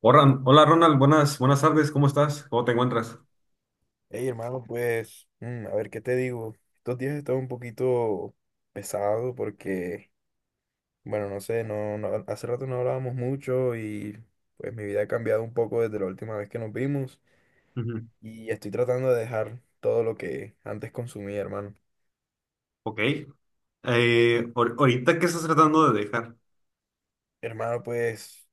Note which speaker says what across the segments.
Speaker 1: Hola, hola, Ronald, buenas, buenas tardes, ¿cómo estás? ¿Cómo te encuentras?
Speaker 2: Hey, hermano, pues, a ver qué te digo. Estos días he estado un poquito pesado porque, bueno, no sé, hace rato no hablábamos mucho y pues mi vida ha cambiado un poco desde la última vez que nos vimos
Speaker 1: Ujú.
Speaker 2: y estoy tratando de dejar todo lo que antes consumía, hermano.
Speaker 1: Ok. Ahorita, ¿qué estás tratando de dejar?
Speaker 2: Hermano, pues,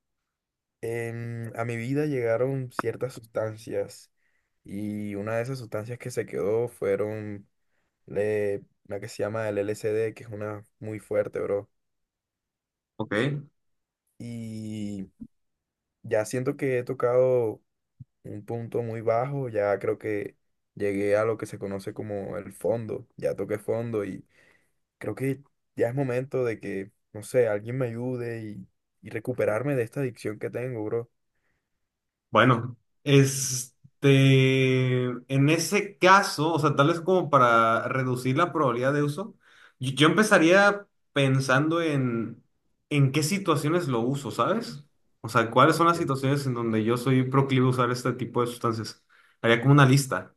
Speaker 2: a mi vida llegaron ciertas sustancias y una de esas sustancias que se quedó fueron la que se llama el LSD, que es una muy fuerte, bro.
Speaker 1: Ok.
Speaker 2: Y ya siento que he tocado un punto muy bajo, ya creo que llegué a lo que se conoce como el fondo, ya toqué fondo y creo que ya es momento de que, no sé, alguien me ayude y recuperarme de esta adicción que tengo, bro.
Speaker 1: Bueno, este, en ese caso, o sea, tal vez como para reducir la probabilidad de uso, yo empezaría pensando en, en qué situaciones lo uso, ¿sabes? O sea, cuáles son las
Speaker 2: Ok.
Speaker 1: situaciones en donde yo soy proclive a usar este tipo de sustancias. Haría como una lista.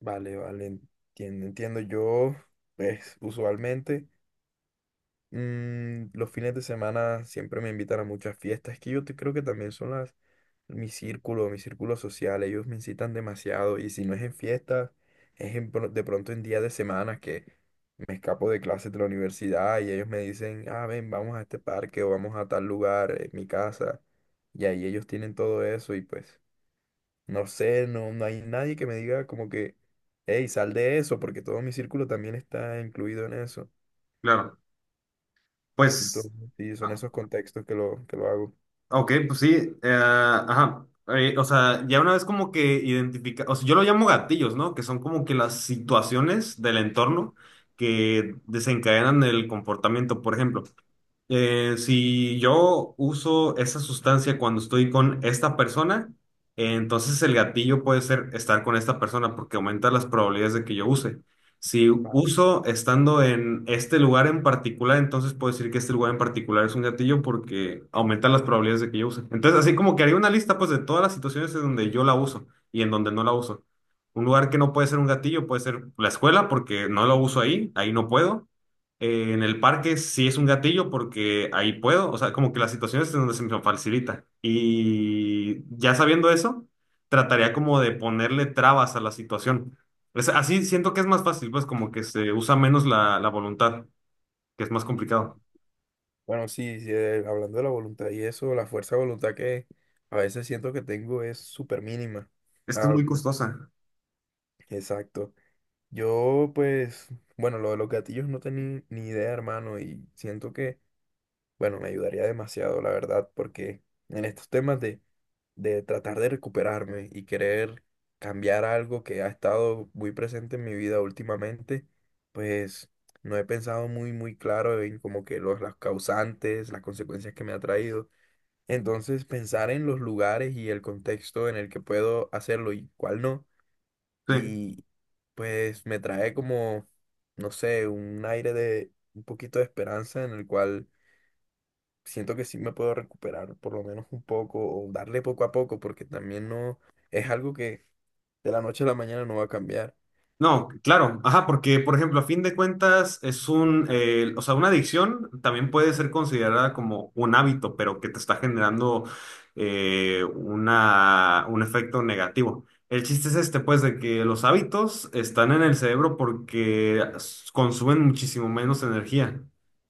Speaker 2: Vale, vale, entiendo, entiendo. Yo, pues, usualmente... Los fines de semana siempre me invitan a muchas fiestas. Es que creo que también son las, mi círculo social. Ellos me incitan demasiado. Y si no es en fiestas, es en de pronto en días de semana que me escapo de clases de la universidad y ellos me dicen, ah, ven, vamos a este parque o vamos a tal lugar, en mi casa. Y ahí ellos tienen todo eso y pues, no sé, no hay nadie que me diga como que, hey, sal de eso, porque todo mi círculo también está incluido en eso.
Speaker 1: Claro. Pues.
Speaker 2: Entonces, sí, son esos contextos que lo hago.
Speaker 1: Ok, pues sí, ajá. O sea, ya una vez como que identifica, o sea, yo lo llamo gatillos, ¿no? Que son como que las situaciones del entorno que desencadenan el comportamiento, por ejemplo. Si yo uso esa sustancia cuando estoy con esta persona, entonces el gatillo puede ser estar con esta persona porque aumenta las probabilidades de que yo use. Si
Speaker 2: Vale.
Speaker 1: uso estando en este lugar en particular, entonces puedo decir que este lugar en particular es un gatillo porque aumenta las probabilidades de que yo use. Entonces, así como que haría una lista pues de todas las situaciones en donde yo la uso y en donde no la uso. Un lugar que no puede ser un gatillo puede ser la escuela porque no lo uso ahí, ahí no puedo. En el parque sí es un gatillo porque ahí puedo, o sea, como que las situaciones en donde se me facilita. Y ya sabiendo eso, trataría como de ponerle trabas a la situación. Así siento que es más fácil, pues como que se usa menos la voluntad, que es más complicado.
Speaker 2: Bueno, sí, sí, hablando de la voluntad y eso, la fuerza de voluntad que a veces siento que tengo es súper mínima.
Speaker 1: Es que es
Speaker 2: Ah,
Speaker 1: muy costosa.
Speaker 2: exacto. Yo, pues, bueno, lo de los gatillos no tenía ni idea, hermano, y siento que bueno, me ayudaría demasiado, la verdad, porque en estos temas de tratar de recuperarme y querer cambiar algo que ha estado muy presente en mi vida últimamente, pues no he pensado muy, muy claro en como que las causantes, las consecuencias que me ha traído. Entonces, pensar en los lugares y el contexto en el que puedo hacerlo y cuál no,
Speaker 1: Sí.
Speaker 2: y pues me trae como, no sé, un aire de un poquito de esperanza en el cual siento que sí me puedo recuperar por lo menos un poco o darle poco a poco porque también no es algo que de la noche a la mañana no va a cambiar.
Speaker 1: No, claro, ajá, porque por ejemplo, a fin de cuentas es un, o sea, una adicción también puede ser considerada como un hábito, pero que te está generando una, un efecto negativo. El chiste es este, pues, de que los hábitos están en el cerebro porque consumen muchísimo menos energía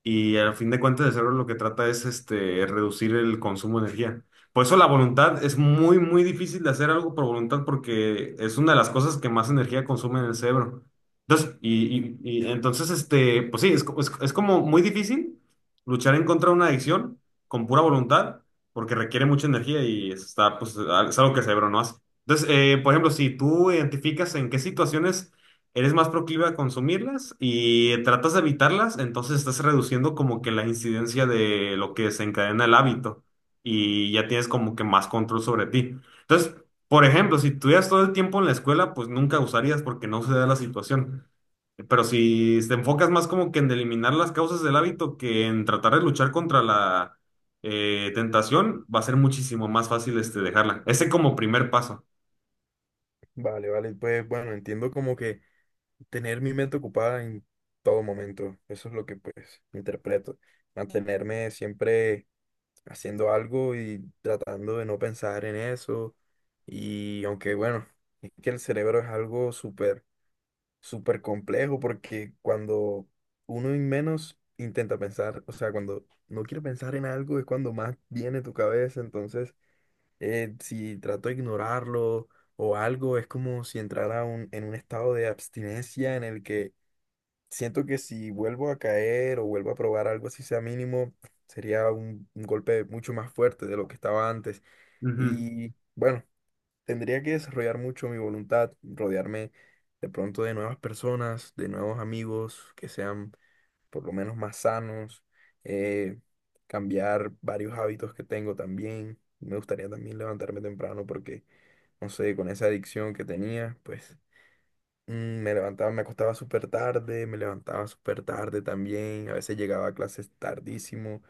Speaker 1: y a fin de cuentas el cerebro lo que trata es este, reducir el consumo de energía. Por eso la voluntad es muy, muy difícil de hacer algo por voluntad porque es una de las cosas que más energía consume en el cerebro. Entonces, y entonces, este, pues sí, es como muy difícil luchar en contra de una adicción con pura voluntad porque requiere mucha energía y está, pues, es algo que el cerebro no hace. Entonces, por ejemplo, si tú identificas en qué situaciones eres más proclive a consumirlas y tratas de evitarlas, entonces estás reduciendo como que la incidencia de lo que desencadena el hábito y ya tienes como que más control sobre ti. Entonces, por ejemplo, si estuvieras todo el tiempo en la escuela, pues nunca usarías porque no se da la situación. Pero si te enfocas más como que en eliminar las causas del hábito que en tratar de luchar contra la tentación, va a ser muchísimo más fácil este, dejarla. Ese como primer paso.
Speaker 2: Vale, vale, pues bueno, entiendo como que tener mi mente ocupada en todo momento, eso es lo que pues interpreto, mantenerme siempre haciendo algo y tratando de no pensar en eso y aunque bueno, es que el cerebro es algo súper súper complejo porque cuando uno y menos intenta pensar, o sea, cuando no quiere pensar en algo es cuando más viene tu cabeza, entonces si trato de ignorarlo o algo, es como si entrara en un estado de abstinencia en el que siento que si vuelvo a caer o vuelvo a probar algo así sea mínimo, sería un golpe mucho más fuerte de lo que estaba antes.
Speaker 1: Ujú.
Speaker 2: Y bueno, tendría que desarrollar mucho mi voluntad, rodearme de pronto de nuevas personas, de nuevos amigos que sean por lo menos más sanos, eh, cambiar varios hábitos que tengo también. Me gustaría también levantarme temprano porque, no sé, con esa adicción que tenía, pues me levantaba, me acostaba súper tarde, me levantaba súper tarde también, a veces llegaba a clases tardísimo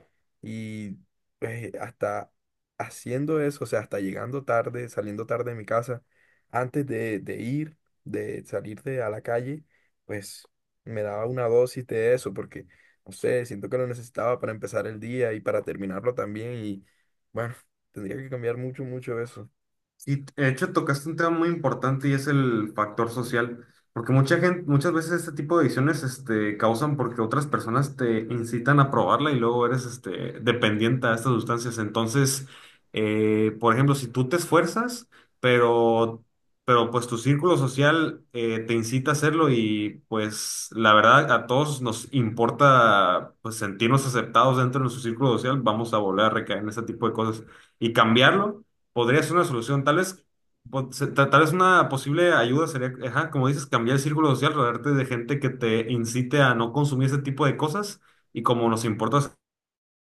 Speaker 2: y pues hasta haciendo eso, o sea, hasta llegando tarde, saliendo tarde de mi casa, antes de ir, de salir de, a la calle, pues me daba una dosis de eso porque, no sé, siento que lo necesitaba para empezar el día y para terminarlo también y bueno, tendría que cambiar mucho, mucho eso.
Speaker 1: Sí, de hecho tocaste un tema muy importante y es el factor social, porque mucha gente, muchas veces este tipo de adicciones este, causan porque otras personas te incitan a probarla y luego eres este, dependiente a estas sustancias. Entonces, por ejemplo, si tú te esfuerzas, pero, pero pues tu círculo social te incita a hacerlo y pues la verdad a todos nos importa pues sentirnos aceptados dentro de nuestro círculo social, vamos a volver a recaer en ese tipo de cosas y cambiarlo podría ser una solución. Tal vez, tal vez una posible ayuda sería, ajá, como dices, cambiar el círculo social, rodearte de gente que te incite a no consumir ese tipo de cosas. Y como nos importa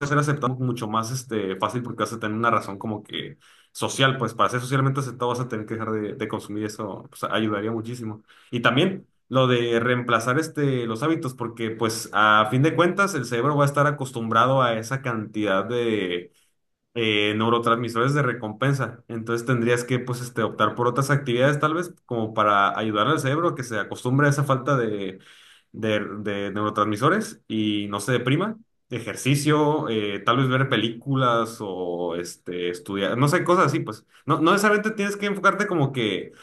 Speaker 1: ser aceptados mucho más este, fácil porque vas a tener una razón como que social, pues para ser socialmente aceptado vas a tener que dejar de consumir eso, pues ayudaría muchísimo. Y también lo de reemplazar este, los hábitos, porque pues a fin de cuentas el cerebro va a estar acostumbrado a esa cantidad de neurotransmisores de recompensa. Entonces tendrías que, pues, este, optar por otras actividades, tal vez, como para ayudar al cerebro a que se acostumbre a esa falta de neurotransmisores y no se deprima. Ejercicio, tal vez ver películas o este, estudiar, no sé, cosas así, pues. No, no necesariamente tienes que enfocarte como que,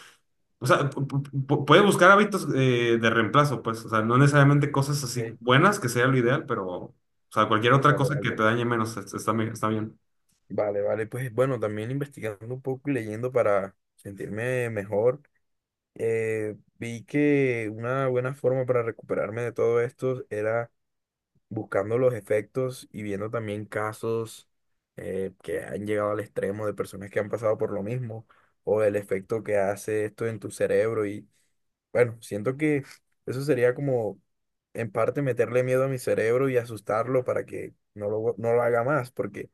Speaker 1: o sea, puedes buscar hábitos de reemplazo, pues, o sea, no necesariamente cosas así
Speaker 2: Ey,
Speaker 1: buenas, que sea lo ideal, pero, o sea, cualquier otra
Speaker 2: vale,
Speaker 1: cosa que
Speaker 2: vale.
Speaker 1: te dañe menos, está, está bien.
Speaker 2: Vale, vale, pues bueno, también investigando un poco y leyendo para sentirme mejor, vi que una buena forma para recuperarme de todo esto era buscando los efectos y viendo también casos que han llegado al extremo de personas que han pasado por lo mismo o el efecto que hace esto en tu cerebro y bueno, siento que eso sería como en parte meterle miedo a mi cerebro y asustarlo para que no lo haga más porque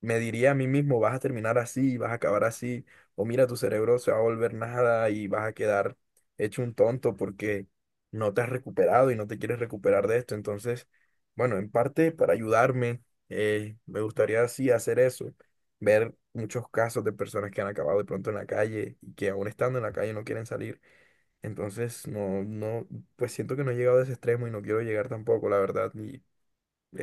Speaker 2: me diría a mí mismo, vas a terminar así, vas a acabar así, o mira, tu cerebro se va a volver nada y vas a quedar hecho un tonto porque no te has recuperado y no te quieres recuperar de esto. Entonces, bueno, en parte para ayudarme, me gustaría así hacer eso, ver muchos casos de personas que han acabado de pronto en la calle y que aún estando en la calle no quieren salir. Entonces, no, no, pues siento que no he llegado a ese extremo y no quiero llegar tampoco, la verdad, y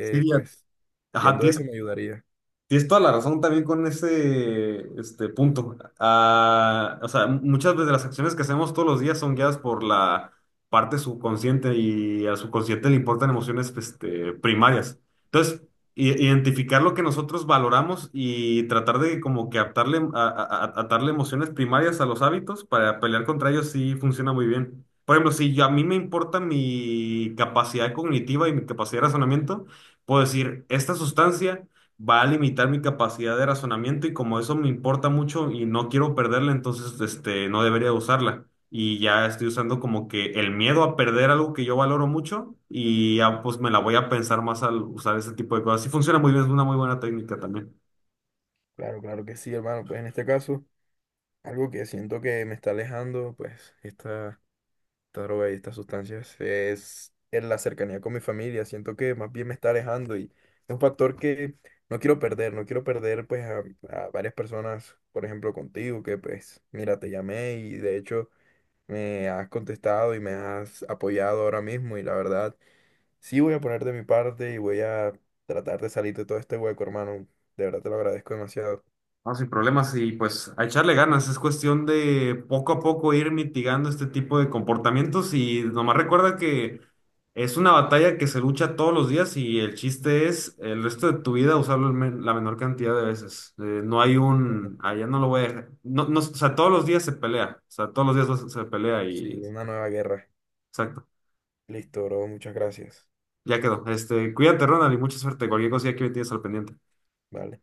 Speaker 1: Sí.
Speaker 2: pues
Speaker 1: Ajá,
Speaker 2: viendo eso
Speaker 1: tienes,
Speaker 2: me ayudaría.
Speaker 1: tienes toda la razón también con ese este punto. Ah, o sea, muchas veces las acciones que hacemos todos los días son guiadas por la parte subconsciente y al subconsciente le importan emociones este, primarias. Entonces, identificar lo que nosotros valoramos y tratar de como que atarle, atarle emociones primarias a los hábitos para pelear contra ellos sí funciona muy bien. Por ejemplo, si yo- a mí me importa mi capacidad cognitiva y mi capacidad de razonamiento, puedo decir, esta sustancia va a limitar mi capacidad de razonamiento y como eso me importa mucho y no quiero perderla, entonces este, no debería usarla. Y ya estoy usando como que el miedo a perder algo que yo valoro mucho y ya pues me la voy a pensar más al usar ese tipo de cosas. Sí funciona muy bien, es una muy buena técnica también.
Speaker 2: Claro, claro que sí, hermano. Pues en este caso, algo que siento que me está alejando, pues esta droga y estas sustancias, es en la cercanía con mi familia. Siento que más bien me está alejando y es un factor que no quiero perder. No quiero perder pues a varias personas, por ejemplo contigo, que pues mira, te llamé y de hecho me has contestado y me has apoyado ahora mismo y la verdad, sí voy a poner de mi parte y voy a tratar de salir de todo este hueco, hermano. De verdad te lo agradezco demasiado.
Speaker 1: No, sin problemas y pues a echarle ganas, es cuestión de poco a poco ir mitigando este tipo de comportamientos y nomás recuerda que es una batalla que se lucha todos los días y el chiste es el resto de tu vida usarlo el la menor cantidad de veces. No hay un, allá no lo voy a dejar. No, no, o sea, todos los días se pelea, o sea, todos los días se pelea y
Speaker 2: Sí, una nueva guerra.
Speaker 1: exacto,
Speaker 2: Listo, bro. Muchas gracias.
Speaker 1: ya quedó. Este, cuídate, Ronald, y mucha suerte. Cualquier cosilla que me tienes al pendiente.
Speaker 2: Vale.